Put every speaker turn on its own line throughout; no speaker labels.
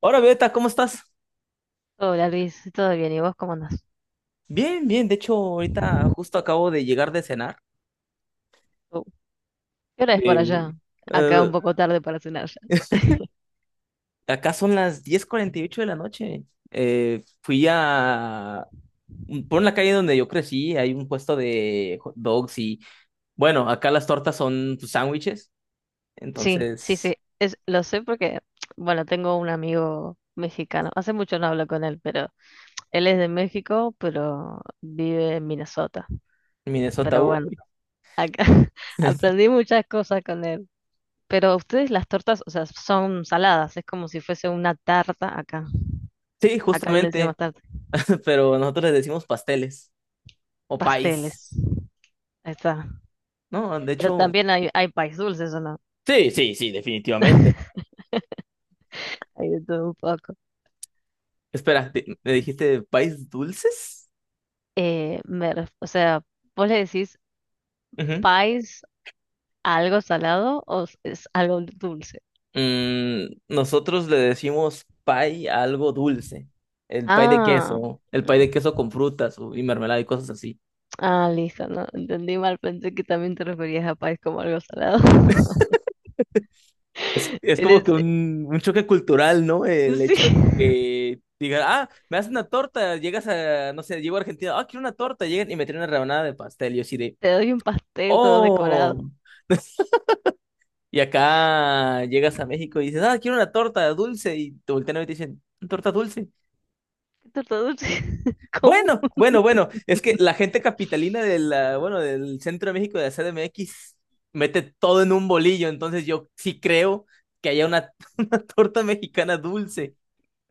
Hola, Beta, ¿cómo estás?
Hola Luis, ¿todo bien? ¿Y vos cómo andás?
Bien, bien. De hecho, ahorita justo acabo de llegar de cenar.
Oh, ¿Qué hora es por
Eh,
allá? Acá un
eh,
poco tarde para cenar ya.
acá son las diez cuarenta y ocho de la noche. Fui a... Por la calle donde yo crecí hay un puesto de hot dogs y... Bueno, acá las tortas son pues, sándwiches.
Sí, sí, sí,
Entonces,
lo sé porque, bueno, tengo un amigo mexicano. Hace mucho no hablo con él, pero él es de México, pero vive en Minnesota.
en Minnesota...
Pero bueno, acá aprendí muchas cosas con él. Pero ustedes las tortas, o sea, son saladas, es como si fuese una tarta acá.
Sí,
Acá le decimos
justamente.
tarta,
Pero nosotros les decimos pasteles o
pasteles.
país.
Ahí está.
No, de
Pero
hecho...
también hay país dulces, ¿o no?
Sí, sí, sí, definitivamente.
Hay de todo un poco.
Espera, ¿me dijiste país dulces?
O sea, vos le decís
Ujú.
pies a algo salado o es algo dulce.
Mm, nosotros le decimos pie a algo dulce. El pie de
Ah,
queso, el pie de
mm,
queso con frutas y mermelada y cosas así.
ah, listo, no, entendí mal, pensé que también te referías a pies como algo salado.
Es como que
Eres,
un choque cultural, ¿no? El
sí,
hecho de que digan, ah, me haces una torta, llegas a, no sé, llego a Argentina, ah, quiero una torta, llegan y me traen una rebanada de pastel. Y yo así de,
te doy un pastel todo decorado.
oh. Y acá llegas a México y dices, ah, quiero una torta dulce. Y te voltean a ver y te dicen, ¿torta dulce?
Torta dulce,
Mm.
¿cómo?
Bueno, bueno, bueno, es que la gente capitalina del, ah, bueno, del Centro de México de la CDMX mete todo en un bolillo, entonces yo sí creo que haya una, una torta mexicana dulce.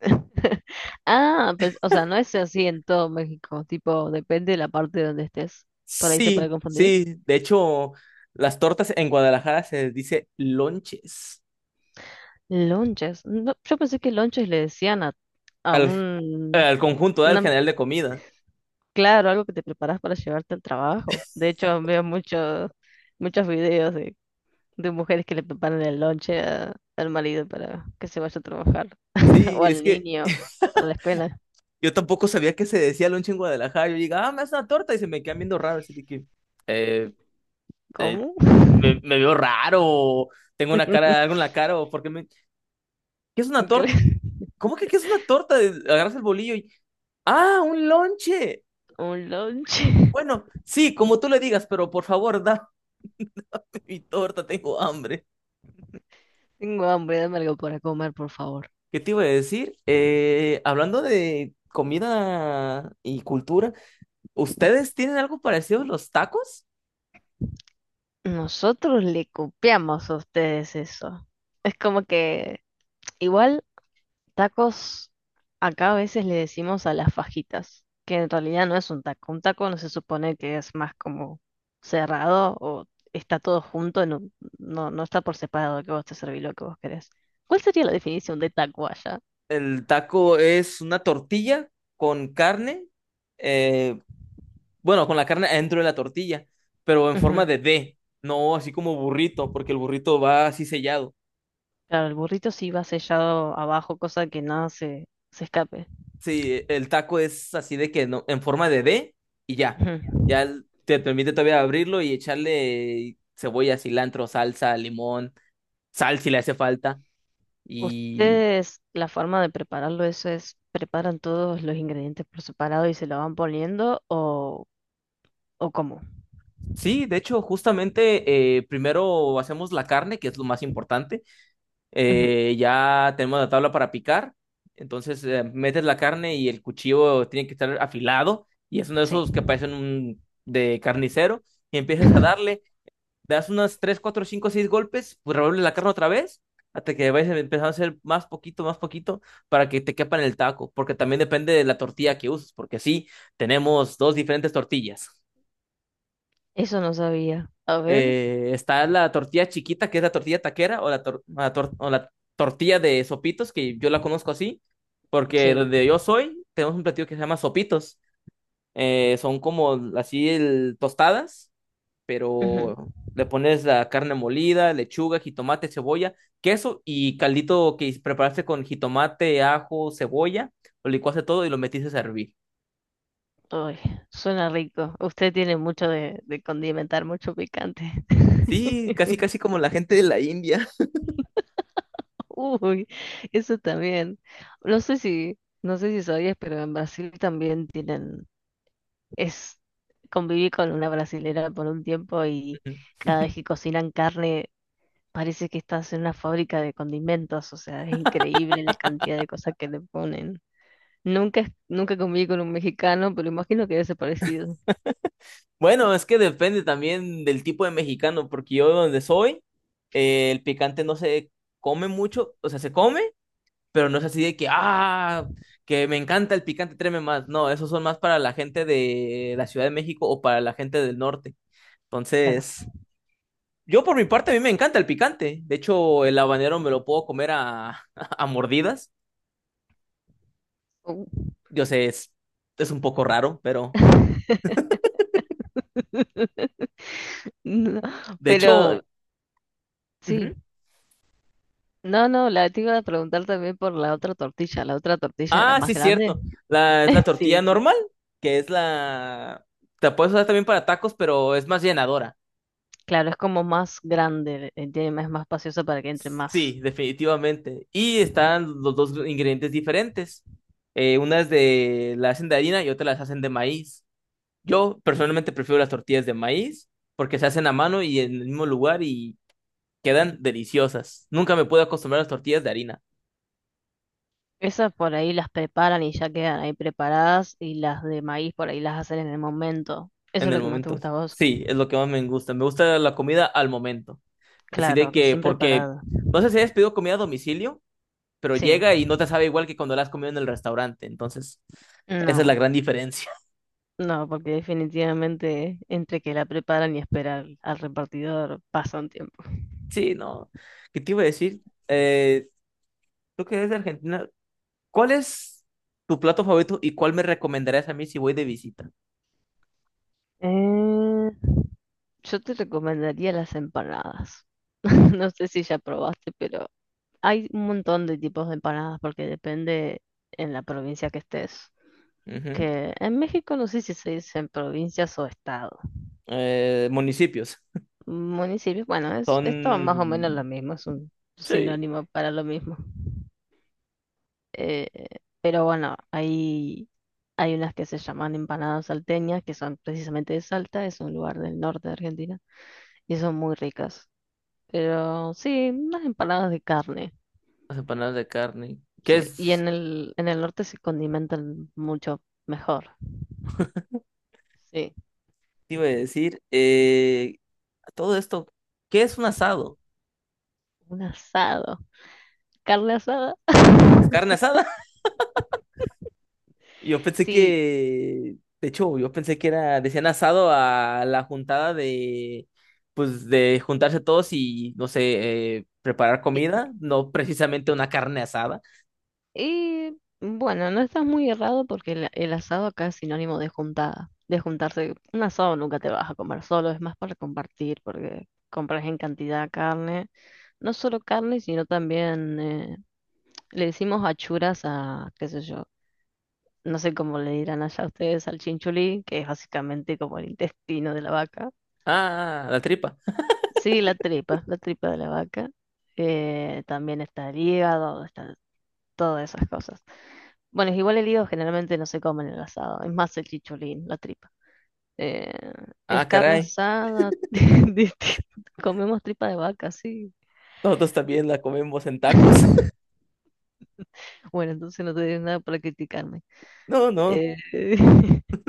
Ah, pues, o sea, no es así en todo México, tipo, depende de la parte de donde estés. Por ahí se puede
Sí,
confundir.
sí, de hecho, las tortas en Guadalajara se les dice lonches
Lonches. No, yo pensé que lonches le decían a
al,
un,
al conjunto del
una-
general de comida.
claro, algo que te preparas para llevarte al trabajo. De hecho, veo muchos videos de mujeres que le preparan el lonche al marido para que se vaya a trabajar
Sí,
o
es
al
que
niño para la escuela.
yo tampoco sabía que se decía lonche en Guadalajara, yo digo, ah, me hace una torta y se me quedan viendo raro, así de que, eh, eh,
¿Cómo?
me veo raro, tengo una cara, algo en la cara, o porque me... ¿Qué es una
¿Qué?
torta? ¿Cómo que qué es una torta? Agarras el bolillo y... ¡Ah, un lonche!
Un lonche.
Bueno, sí, como tú le digas, pero por favor, dame mi torta, tengo hambre.
Tengo hambre, dame algo para comer, por favor.
¿Qué te iba a decir? Hablando de comida y cultura, ¿ustedes tienen algo parecido a los tacos?
Nosotros le copiamos a ustedes eso. Es como que igual. Tacos, acá a veces le decimos a las fajitas, que en realidad no es un taco. Un taco no se supone que es más como cerrado o está todo junto, no, no, no está por separado que vos te servís lo que vos querés. ¿Cuál sería la definición de taco allá?
El taco es una tortilla con carne, eh, bueno, con la carne adentro de la tortilla, pero en
Ujú.
forma de D, no así como burrito, porque el burrito va así sellado.
Claro, el burrito sí va sellado abajo, cosa que nada se escape.
Sí, el taco es así de que no, en forma de D y ya.
Ujú.
Te permite todavía abrirlo y echarle cebolla, cilantro, salsa, limón, sal si le hace falta. Y
Ustedes, la forma de prepararlo, eso es, ¿preparan todos los ingredientes por separado y se lo van poniendo o cómo?
sí, de hecho, justamente primero hacemos la carne, que es lo más importante.
Ujú.
Ya tenemos la tabla para picar. Entonces metes la carne y el cuchillo tiene que estar afilado. Y es uno de
Sí.
esos que parecen un, de carnicero. Y empiezas a darle, das unas 3 4 5 6 golpes, pues revuelves la carne otra vez. Hasta que vayas empezando a hacer más poquito, para que te quepa en el taco. Porque también depende de la tortilla que uses. Porque sí, tenemos dos diferentes tortillas
Eso no sabía. A ver.
está la tortilla chiquita, que es la tortilla taquera, o la tortilla de sopitos, que yo la conozco así, porque
Sí.
donde yo soy, tenemos un platillo que se llama sopitos. Son como así tostadas,
Ujú.
pero le pones la carne molida, lechuga, jitomate, cebolla, queso y caldito que preparaste con jitomate, ajo, cebolla, lo licuaste todo y lo metiste a hervir.
Uy, suena rico. Usted tiene mucho de condimentar, mucho picante.
Sí, casi casi como la gente de la India.
Uy, eso también. No sé si sabías, pero en Brasil también tienen, es, conviví con una brasilera por un tiempo y cada vez que cocinan carne parece que estás en una fábrica de condimentos, o sea, es increíble la cantidad de cosas que le ponen. Nunca conviví con un mexicano, pero imagino que debe ser parecido.
Bueno, es que depende también del tipo de mexicano, porque yo donde soy, el picante no se come mucho, o sea, se come, pero no es así de que, ah, que me encanta el picante, tráeme más. No, esos son más para la gente de la Ciudad de México o para la gente del norte.
Claro.
Entonces, yo por mi parte, a mí me encanta el picante. De hecho, el habanero me lo puedo comer a, a mordidas.
Oh.
Yo sé, es un poco raro, pero
No,
de
pero
hecho...
sí.
ujú.
No, no, la te iba a preguntar también por la otra tortilla. ¿La otra tortilla era
Ah,
más
sí,
grande?
cierto. Es la tortilla
Sí, sí.
normal, que es la... Te puedes usar también para tacos, pero es más llenadora.
Claro, es como más grande, tiene más espacioso para que entre más.
Sí, definitivamente. Y están los dos ingredientes diferentes. Unas de la hacen de harina y otras las hacen de maíz. Yo personalmente prefiero las tortillas de maíz porque se hacen a mano y en el mismo lugar y quedan deliciosas. Nunca me puedo acostumbrar a las tortillas de harina.
Esas por ahí las preparan y ya quedan ahí preparadas y las de maíz por ahí las hacen en el momento. Eso
En
es
el
lo que más te
momento.
gusta a vos.
Sí, es lo que más me gusta. Me gusta la comida al momento. Así de
Claro,
que,
recién
porque
preparada.
no sé si has pedido comida a domicilio, pero
Sí.
llega y no te sabe igual que cuando la has comido en el restaurante. Entonces, esa es la
No,
gran diferencia.
no, porque definitivamente entre que la preparan y esperar al repartidor pasa un tiempo.
Sí, no. ¿Qué te iba a decir? Eh, Creo que es de Argentina. ¿Cuál es tu plato favorito y cuál me recomendarías a mí si voy de visita?
Eh, yo te recomendaría las empanadas. No sé si ya probaste, pero hay un montón de tipos de empanadas porque depende en la provincia que estés.
Ujú.
Que en México no sé si se dicen provincias o estado.
Municipios.
Municipios, bueno, es todo más o menos lo
Son,
mismo, es un
sí,
sinónimo para lo mismo. Eh, pero bueno, hay unas que se llaman empanadas salteñas, que son precisamente de Salta, es un lugar del norte de Argentina, y son muy ricas. Pero sí, unas empanadas de carne.
las empanadas de carne. ¿Qué
Sí. Y
es?
en el norte se condimentan mucho mejor. Sí.
Te iba a decir, todo esto, ¿qué es un asado?
Un asado. Carne asada.
¿Es carne asada? Yo pensé
Sí.
que, de hecho, yo pensé que era, decían asado a la juntada de, pues, de juntarse todos y, no sé, preparar
Y,
comida, no precisamente una carne asada.
y bueno, no estás muy errado porque el asado acá es sinónimo de juntada. De juntarse. Un asado nunca te vas a comer solo, es más para compartir porque compras en cantidad carne. No solo carne, sino también le decimos achuras a, qué sé yo. No sé cómo le dirán allá ustedes al chinchulí, que es básicamente como el intestino de la vaca.
Ah, ah, la tripa.
Sí, la tripa de la vaca. También está el hígado, están todas esas cosas. Bueno, es igual el hígado generalmente no se come en el asado, es más el chicholín, la tripa. Eh,
Ah,
es carne
caray.
asada, comemos tripa de vaca, sí.
Nosotros también la comemos en tacos.
Bueno, entonces no te diré nada para criticarme.
No, no.
Eh,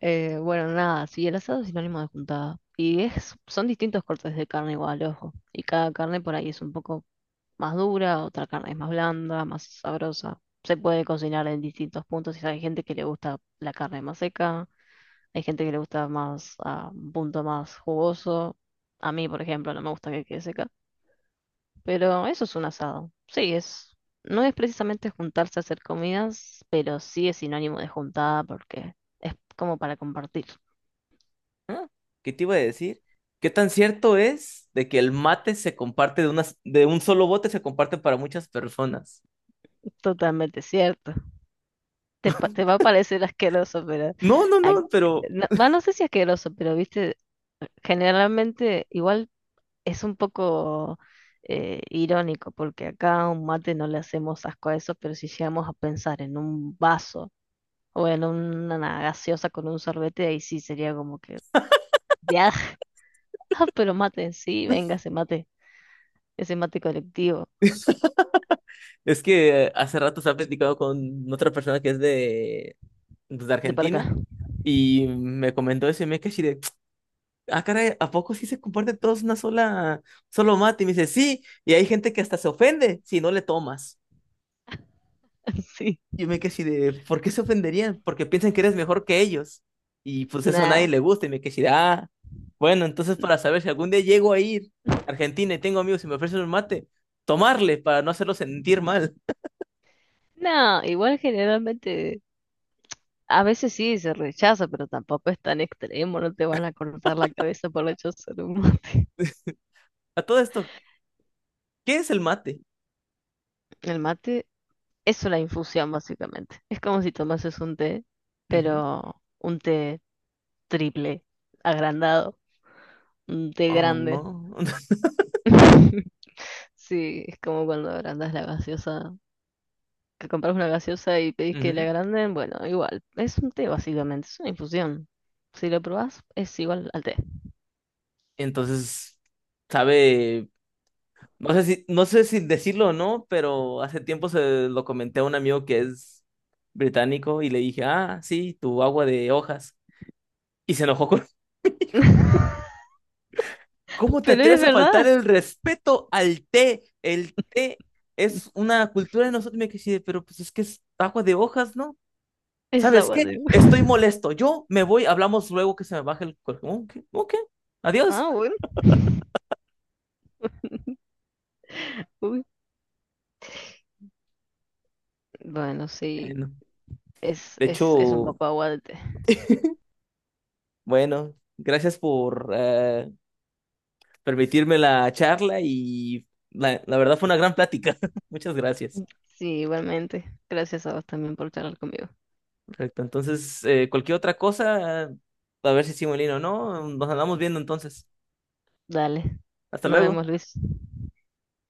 bueno, nada, sí, el asado es sinónimo de juntada. Y son distintos cortes de carne igual, ojo. Y cada carne por ahí es un poco más dura, otra carne es más blanda, más sabrosa. Se puede cocinar en distintos puntos. Y hay gente que le gusta la carne más seca, hay gente que le gusta más a un punto más jugoso. A mí, por ejemplo, no me gusta que quede seca. Pero eso es un asado. Sí, no es precisamente juntarse a hacer comidas, pero sí es sinónimo de juntada porque es como para compartir.
Ah, ¿qué te iba a decir? ¿Qué tan cierto es de que el mate se comparte de unas, de un solo bote se comparte para muchas personas?
Totalmente cierto. Te va a parecer asqueroso, pero
No, no,
a-
no, pero
no, va, no sé si asqueroso, pero viste, generalmente igual es un poco irónico, porque acá a un mate no le hacemos asco a eso, pero si llegamos a pensar en un vaso o en una gaseosa con un sorbete, ahí sí sería como que, ya, pero mate en sí, venga ese mate colectivo,
es que hace rato estaba platicando con otra persona que es de, pues, de
de para acá.
Argentina y me comentó eso y me quedé así de, ah, caray, ¿a poco sí se comparten todos una sola, solo mate? Y me dice, sí, y hay gente que hasta se ofende si no le tomas.
Sí,
Y yo me quedé así de, ¿por qué se ofenderían? Porque piensan que eres mejor que ellos. Y pues eso a nadie
nada.
le gusta y me quedé así de, ah, bueno, entonces para saber si algún día llego a ir a Argentina y tengo amigos y me ofrecen un mate, tomarle para no hacerlo sentir mal.
No, igual generalmente. A veces sí se rechaza, pero tampoco es tan extremo, no te van a cortar la cabeza por rechazar un mate.
A todo esto, ¿qué es el mate?
El mate es una infusión, básicamente. Es como si tomases un té, pero un té triple, agrandado, un té grande.
Oh.
Sí, es como cuando agrandas la gaseosa, que compras una gaseosa y pedís que la
Ujú.
agranden, bueno, igual, es un té básicamente, es una infusión. Si lo probás, es igual al té.
Entonces, sabe, no sé si, no sé si decirlo o no, pero hace tiempo se lo comenté a un amigo que es británico y le dije, ah, sí, tu agua de hojas. Y se enojó conmigo. ¿Cómo te
Pero es
atreves a faltar
verdad,
el respeto al té? El té es una cultura de nosotros. Y me quedé, pero pues es que es agua de hojas, ¿no?
es
¿Sabes
agua.
qué? Estoy molesto. Yo me voy, hablamos luego que se me baje el cuerpo. Ok, ok, adiós.
Ah, bueno. Uy. Bueno, sí,
No.
es,
De
es, es un
hecho,
poco aguante.
bueno, gracias por permitirme la charla y la verdad fue una gran plática. Muchas gracias.
Sí, igualmente. Gracias a vos también por charlar conmigo.
Perfecto. Entonces, cualquier otra cosa, a ver si Simulino o no, nos andamos viendo entonces.
Dale.
Hasta
Nos
luego.
vemos, Luis.